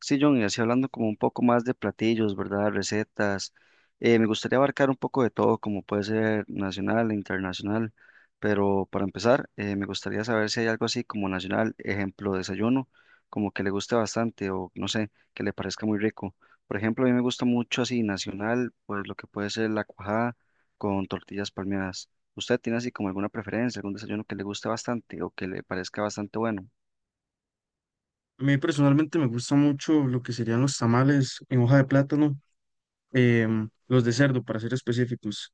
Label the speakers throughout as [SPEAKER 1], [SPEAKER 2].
[SPEAKER 1] Sí, John, y así hablando como un poco más de platillos, ¿verdad? Recetas. Me gustaría abarcar un poco de todo, como puede ser nacional e internacional, pero para empezar, me gustaría saber si hay algo así como nacional, ejemplo, desayuno, como que le guste bastante o no sé, que le parezca muy rico. Por ejemplo, a mí me gusta mucho así nacional, pues lo que puede ser la cuajada con tortillas palmeadas. ¿Usted tiene así como alguna preferencia, algún desayuno que le guste bastante o que le parezca bastante bueno?
[SPEAKER 2] A mí personalmente me gusta mucho lo que serían los tamales en hoja de plátano, los de cerdo para ser específicos.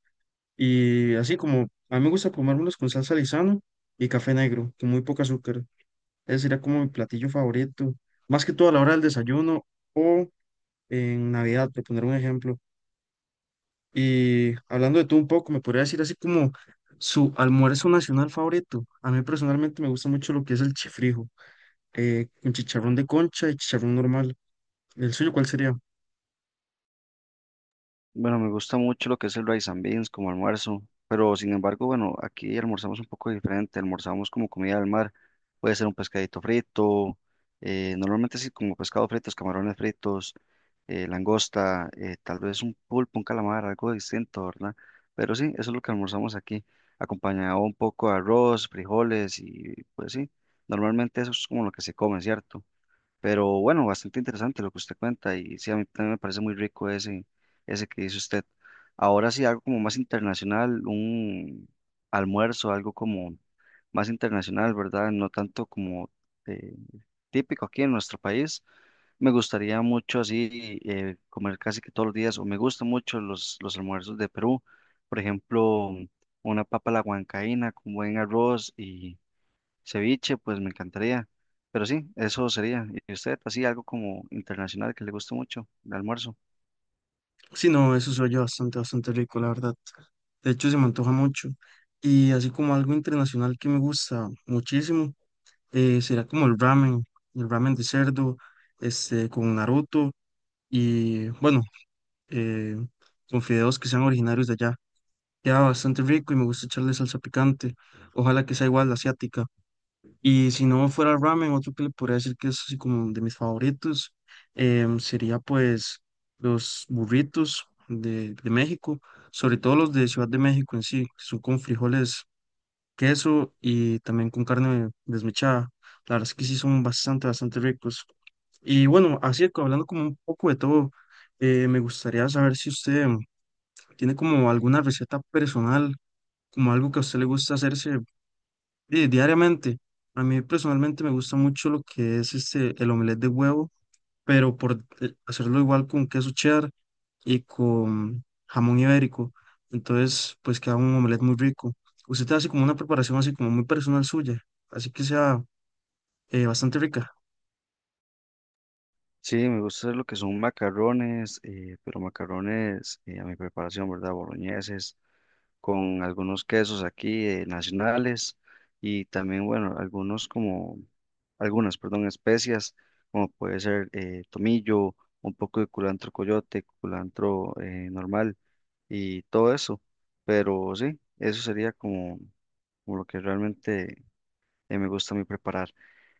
[SPEAKER 2] Y así como a mí me gusta comérmelos con salsa Lizano y café negro, con muy poco azúcar. Ese sería como mi platillo favorito, más que todo a la hora del desayuno o en Navidad, por poner un ejemplo. Y hablando de todo un poco, me podría decir así como su almuerzo nacional favorito. A mí personalmente me gusta mucho lo que es el chifrijo, con chicharrón de concha y chicharrón normal. ¿El suyo cuál sería?
[SPEAKER 1] Bueno, me gusta mucho lo que es el rice and beans como almuerzo, pero sin embargo, bueno, aquí almorzamos un poco diferente, almorzamos como comida del mar, puede ser un pescadito frito, normalmente sí como pescado fritos, camarones fritos, langosta, tal vez un pulpo, un calamar, algo distinto, ¿verdad? Pero sí, eso es lo que almorzamos aquí, acompañado un poco de arroz, frijoles y pues sí, normalmente eso es como lo que se come, ¿cierto? Pero bueno, bastante interesante lo que usted cuenta y sí, a mí también me parece muy rico ese, ese que dice usted. Ahora sí, algo como más internacional, un almuerzo, algo como más internacional, ¿verdad? No tanto como eh, típico aquí en nuestro país. Me gustaría mucho así comer casi que todos los días o me gustan mucho los almuerzos de Perú. Por ejemplo, una papa a la huancaína con buen arroz. Ceviche, pues me encantaría. Pero sí, eso sería. ¿Y usted, así algo como internacional que le guste mucho, de almuerzo?
[SPEAKER 2] Sí, no, eso se oye bastante, bastante rico, la verdad. De hecho, se me antoja mucho. Y así como algo internacional que me gusta muchísimo, será como el ramen de cerdo, este, con Naruto y, bueno, eh, con fideos que sean originarios de allá. Queda bastante rico y me gusta echarle salsa picante. Ojalá que sea igual la asiática. Y si no fuera el ramen, otro que le podría decir que es así como de mis favoritos, sería pues los burritos de México, sobre todo los de Ciudad de México en sí, que son con frijoles, queso y también con carne desmechada. La verdad es que sí son bastante, bastante ricos. Y bueno, así que hablando como un poco de todo, me gustaría saber si usted tiene como alguna receta personal, como algo que a usted le gusta hacerse diariamente. A mí personalmente me gusta mucho lo que es este, el omelette de huevo, pero por hacerlo igual con queso cheddar y con jamón ibérico. Entonces, pues queda un omelette muy rico. Usted hace como una preparación así como muy personal suya, así que sea bastante rica.
[SPEAKER 1] Sí, me gusta hacer lo que son macarrones, pero macarrones a mi preparación, ¿verdad? Boloñeses, con algunos quesos aquí nacionales y también, bueno, algunas, perdón, especias, como puede ser tomillo, un poco de culantro coyote, culantro normal y todo eso. Pero sí, eso sería como. Como lo que realmente me gusta a mí preparar.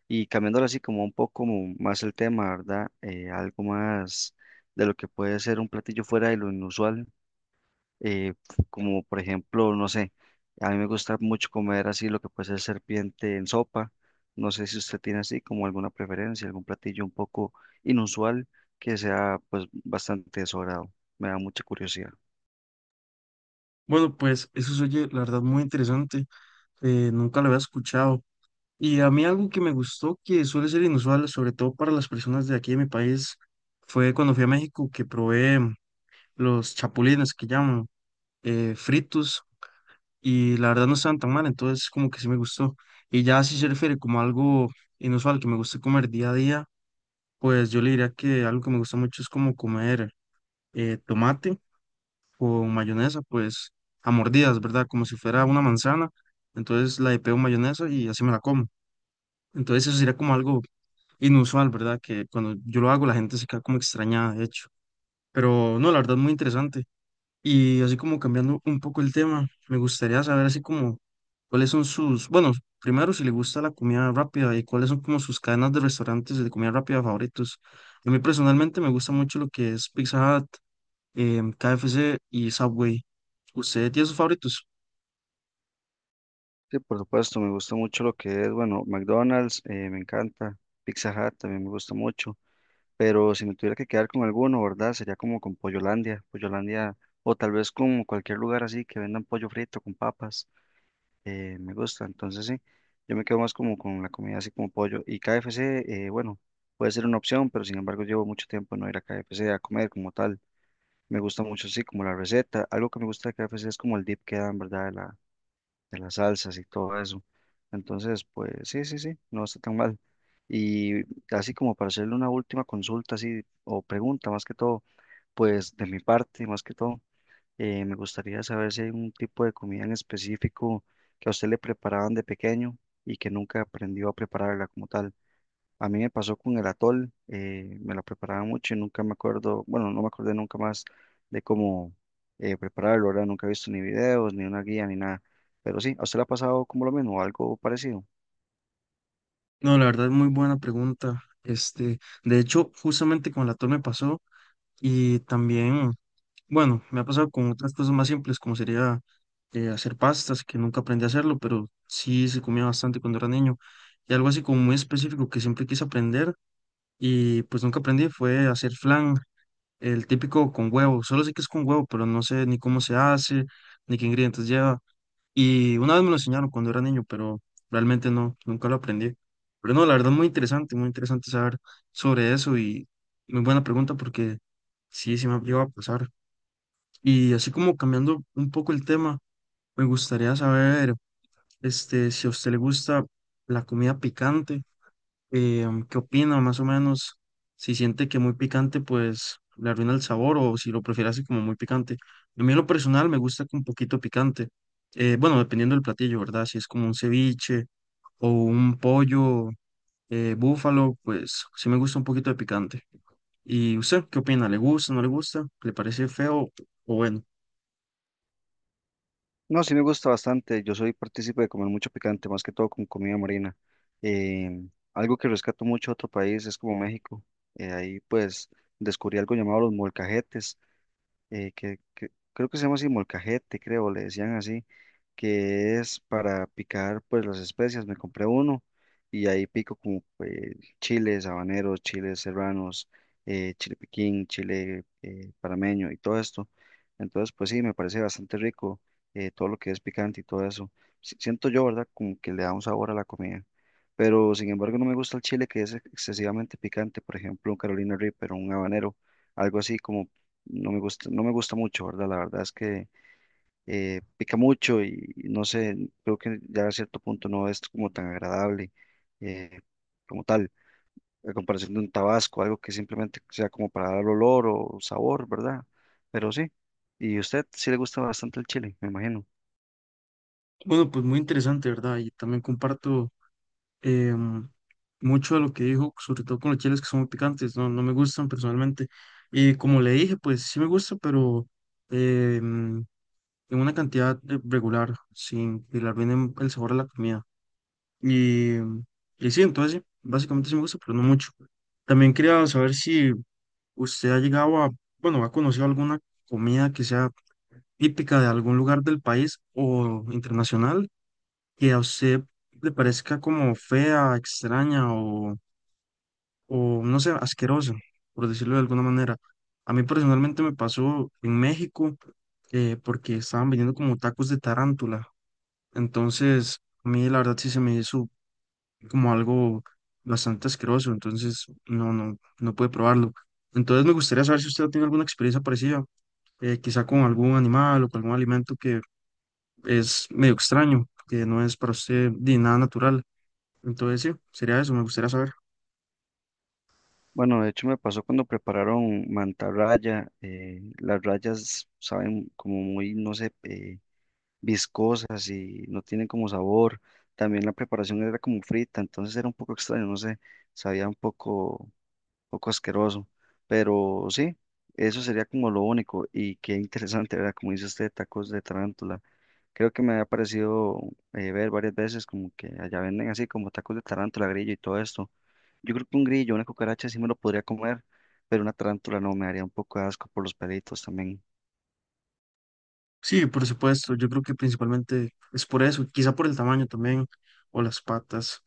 [SPEAKER 1] Y cambiándolo así como un poco más el tema, ¿verdad? Algo más de lo que puede ser un platillo fuera de lo inusual, eh, como por ejemplo, no sé, a mí me gusta mucho comer así lo que puede ser serpiente en sopa. No sé si usted tiene así como alguna preferencia, algún platillo un poco inusual que sea pues bastante de su agrado. Me da mucha curiosidad.
[SPEAKER 2] Bueno, pues eso se oye, la verdad, muy interesante. Nunca lo había escuchado. Y a mí algo que me gustó, que suele ser inusual, sobre todo para las personas de aquí de mi país, fue cuando fui a México que probé los chapulines que llaman, fritos, y la verdad no estaban tan mal, entonces como que sí me gustó. Y ya si se refiere como a algo inusual que me gusta comer día a día, pues yo le diría que algo que me gusta mucho es como comer tomate con mayonesa, pues a mordidas, ¿verdad? Como si fuera una manzana, entonces la de pego mayonesa y así me la como. Entonces eso sería como algo inusual, ¿verdad? Que cuando yo lo hago la gente se queda como extrañada, de hecho. Pero no, la verdad muy interesante. Y así como cambiando un poco el tema, me gustaría saber así como cuáles son sus, bueno, primero si le gusta la comida rápida y cuáles son como sus cadenas de restaurantes de comida rápida favoritos. A mí personalmente me gusta mucho lo que es Pizza Hut, KFC y Subway. ¿Usted tiene sus favoritos?
[SPEAKER 1] Sí, por supuesto, me gusta mucho lo que es, bueno, McDonald's, me encanta, Pizza Hut también me gusta mucho, pero si me tuviera que quedar con alguno, ¿verdad? Sería como con Pollolandia, Pollolandia, o tal vez con cualquier lugar así que vendan pollo frito con papas, me gusta, entonces sí, yo me quedo más como con la comida así como pollo, y KFC, bueno, puede ser una opción, pero sin embargo llevo mucho tiempo no ir a KFC a comer como tal, me gusta mucho así como la receta, algo que me gusta de KFC es como el dip que dan, ¿verdad? De las salsas y todo eso. Entonces, pues sí, no está tan mal. Y así como para hacerle una última consulta, así, o pregunta más que todo, pues de mi parte, más que todo, me gustaría saber si hay un tipo de comida en específico que a usted le preparaban de pequeño y que nunca aprendió a prepararla como tal. A mí me pasó con el atol, me lo preparaba mucho y nunca me acuerdo, bueno, no me acordé nunca más de cómo prepararlo, ¿verdad? Nunca he visto ni videos, ni una guía, ni nada. Pero sí, ¿a usted le ha pasado como lo mismo, o algo parecido?
[SPEAKER 2] No, la verdad es muy buena pregunta. Este, de hecho, justamente con la torre me pasó y también, bueno, me ha pasado con otras cosas más simples, como sería hacer pastas, que nunca aprendí a hacerlo, pero sí se comía bastante cuando era niño. Y algo así como muy específico que siempre quise aprender y pues nunca aprendí fue hacer flan, el típico con huevo. Solo sé que es con huevo, pero no sé ni cómo se hace, ni qué ingredientes lleva. Y una vez me lo enseñaron cuando era niño, pero realmente no, nunca lo aprendí. Pero no, la verdad muy interesante saber sobre eso y muy buena pregunta porque sí, sí me ha llegado a pasar. Y así como cambiando un poco el tema, me gustaría saber, este, si a usted le gusta la comida picante, ¿qué opina más o menos? Si siente que muy picante, pues le arruina el sabor o si lo prefiere así como muy picante. A mí en lo personal me gusta con poquito picante. Bueno, dependiendo del platillo, ¿verdad? Si es como un ceviche o un pollo búfalo, pues sí me gusta un poquito de picante. ¿Y usted qué opina? ¿Le gusta, no le gusta? ¿Le parece feo o bueno?
[SPEAKER 1] No, sí me gusta bastante, yo soy partícipe de comer mucho picante, más que todo con comida marina. Eh, Algo que rescato mucho de otro país es como México. Ahí pues descubrí algo llamado los molcajetes, que creo que se llama así molcajete, creo, le decían así que es para picar pues las especias, me compré uno y ahí pico como pues, chiles habaneros, chiles serranos, chile piquín, chile panameño y todo esto. Entonces pues sí, me parece bastante rico todo lo que es picante y todo eso. Siento yo, ¿verdad? Como que le da un sabor a la comida. Pero sin embargo no me gusta el chile que es excesivamente picante, por ejemplo un Carolina Reaper o un habanero, algo así como no me gusta, no me gusta mucho, ¿verdad? La verdad es que pica mucho y no sé, creo que ya a cierto punto no es como tan agradable eh, como tal, a comparación de un tabasco, algo que simplemente sea como para dar olor o sabor, ¿verdad? Pero sí, y a usted sí le gusta bastante el chile, me imagino.
[SPEAKER 2] Bueno, pues muy interesante, ¿verdad? Y también comparto em, mucho de lo que dijo, sobre todo con los chiles que son muy picantes, no, no me gustan personalmente. Y como le dije, pues sí me gusta, pero em, en una cantidad regular, sin que le arruinen el sabor a la comida. Y, y sí, entonces sí, básicamente sí me gusta, pero no mucho. También quería saber si usted ha llegado a, bueno, ha conocido alguna comida que sea típica de algún lugar del país o internacional que a usted le parezca como fea, extraña o no sé, asquerosa, por decirlo de alguna manera. A mí personalmente me pasó en México porque estaban vendiendo como tacos de tarántula. Entonces, a mí la verdad sí se me hizo como algo bastante asqueroso. Entonces, no, no, no pude probarlo. Entonces, me gustaría saber si usted tiene alguna experiencia parecida, quizá con algún animal o con algún alimento que es medio extraño, que no es para usted de nada natural. Entonces, sí, sería eso, me gustaría saber.
[SPEAKER 1] Bueno, de hecho me pasó cuando prepararon mantarraya, las rayas saben como muy, no sé, viscosas y no tienen como sabor. También la preparación era como frita, entonces era un poco extraño, no sé, sabía un poco asqueroso, pero sí, eso sería como lo único y qué interesante, ¿verdad? Como dice usted, tacos de tarántula. Creo que me ha parecido ver varias veces como que allá venden así como tacos de tarántula, grillo y todo esto. Yo creo que un grillo, una cucaracha sí me lo podría comer, pero una tarántula no, me haría un poco de asco por los pelitos también.
[SPEAKER 2] Sí, por supuesto, yo creo que principalmente es por eso, quizá por el tamaño también, o las patas,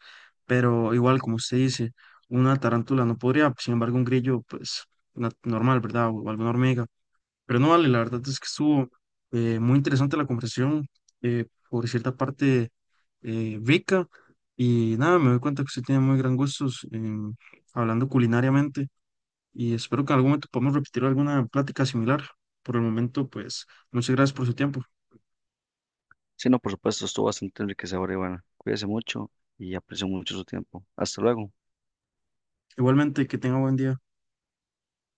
[SPEAKER 2] pero igual, como usted dice, una tarántula no podría, sin embargo, un grillo, pues, normal, ¿verdad? O alguna hormiga. Pero no vale, la verdad es que estuvo muy interesante la conversación, por cierta parte rica, y nada, me doy cuenta que usted tiene muy gran gustos en- hablando culinariamente. Y espero que en algún momento podamos repetir alguna plática similar. Por el momento, pues muchas gracias por su tiempo.
[SPEAKER 1] Sí, no, por supuesto, estuvo bastante enriquecedor y bueno, cuídese mucho y aprecio mucho su tiempo. Hasta luego.
[SPEAKER 2] Igualmente, que tenga buen día.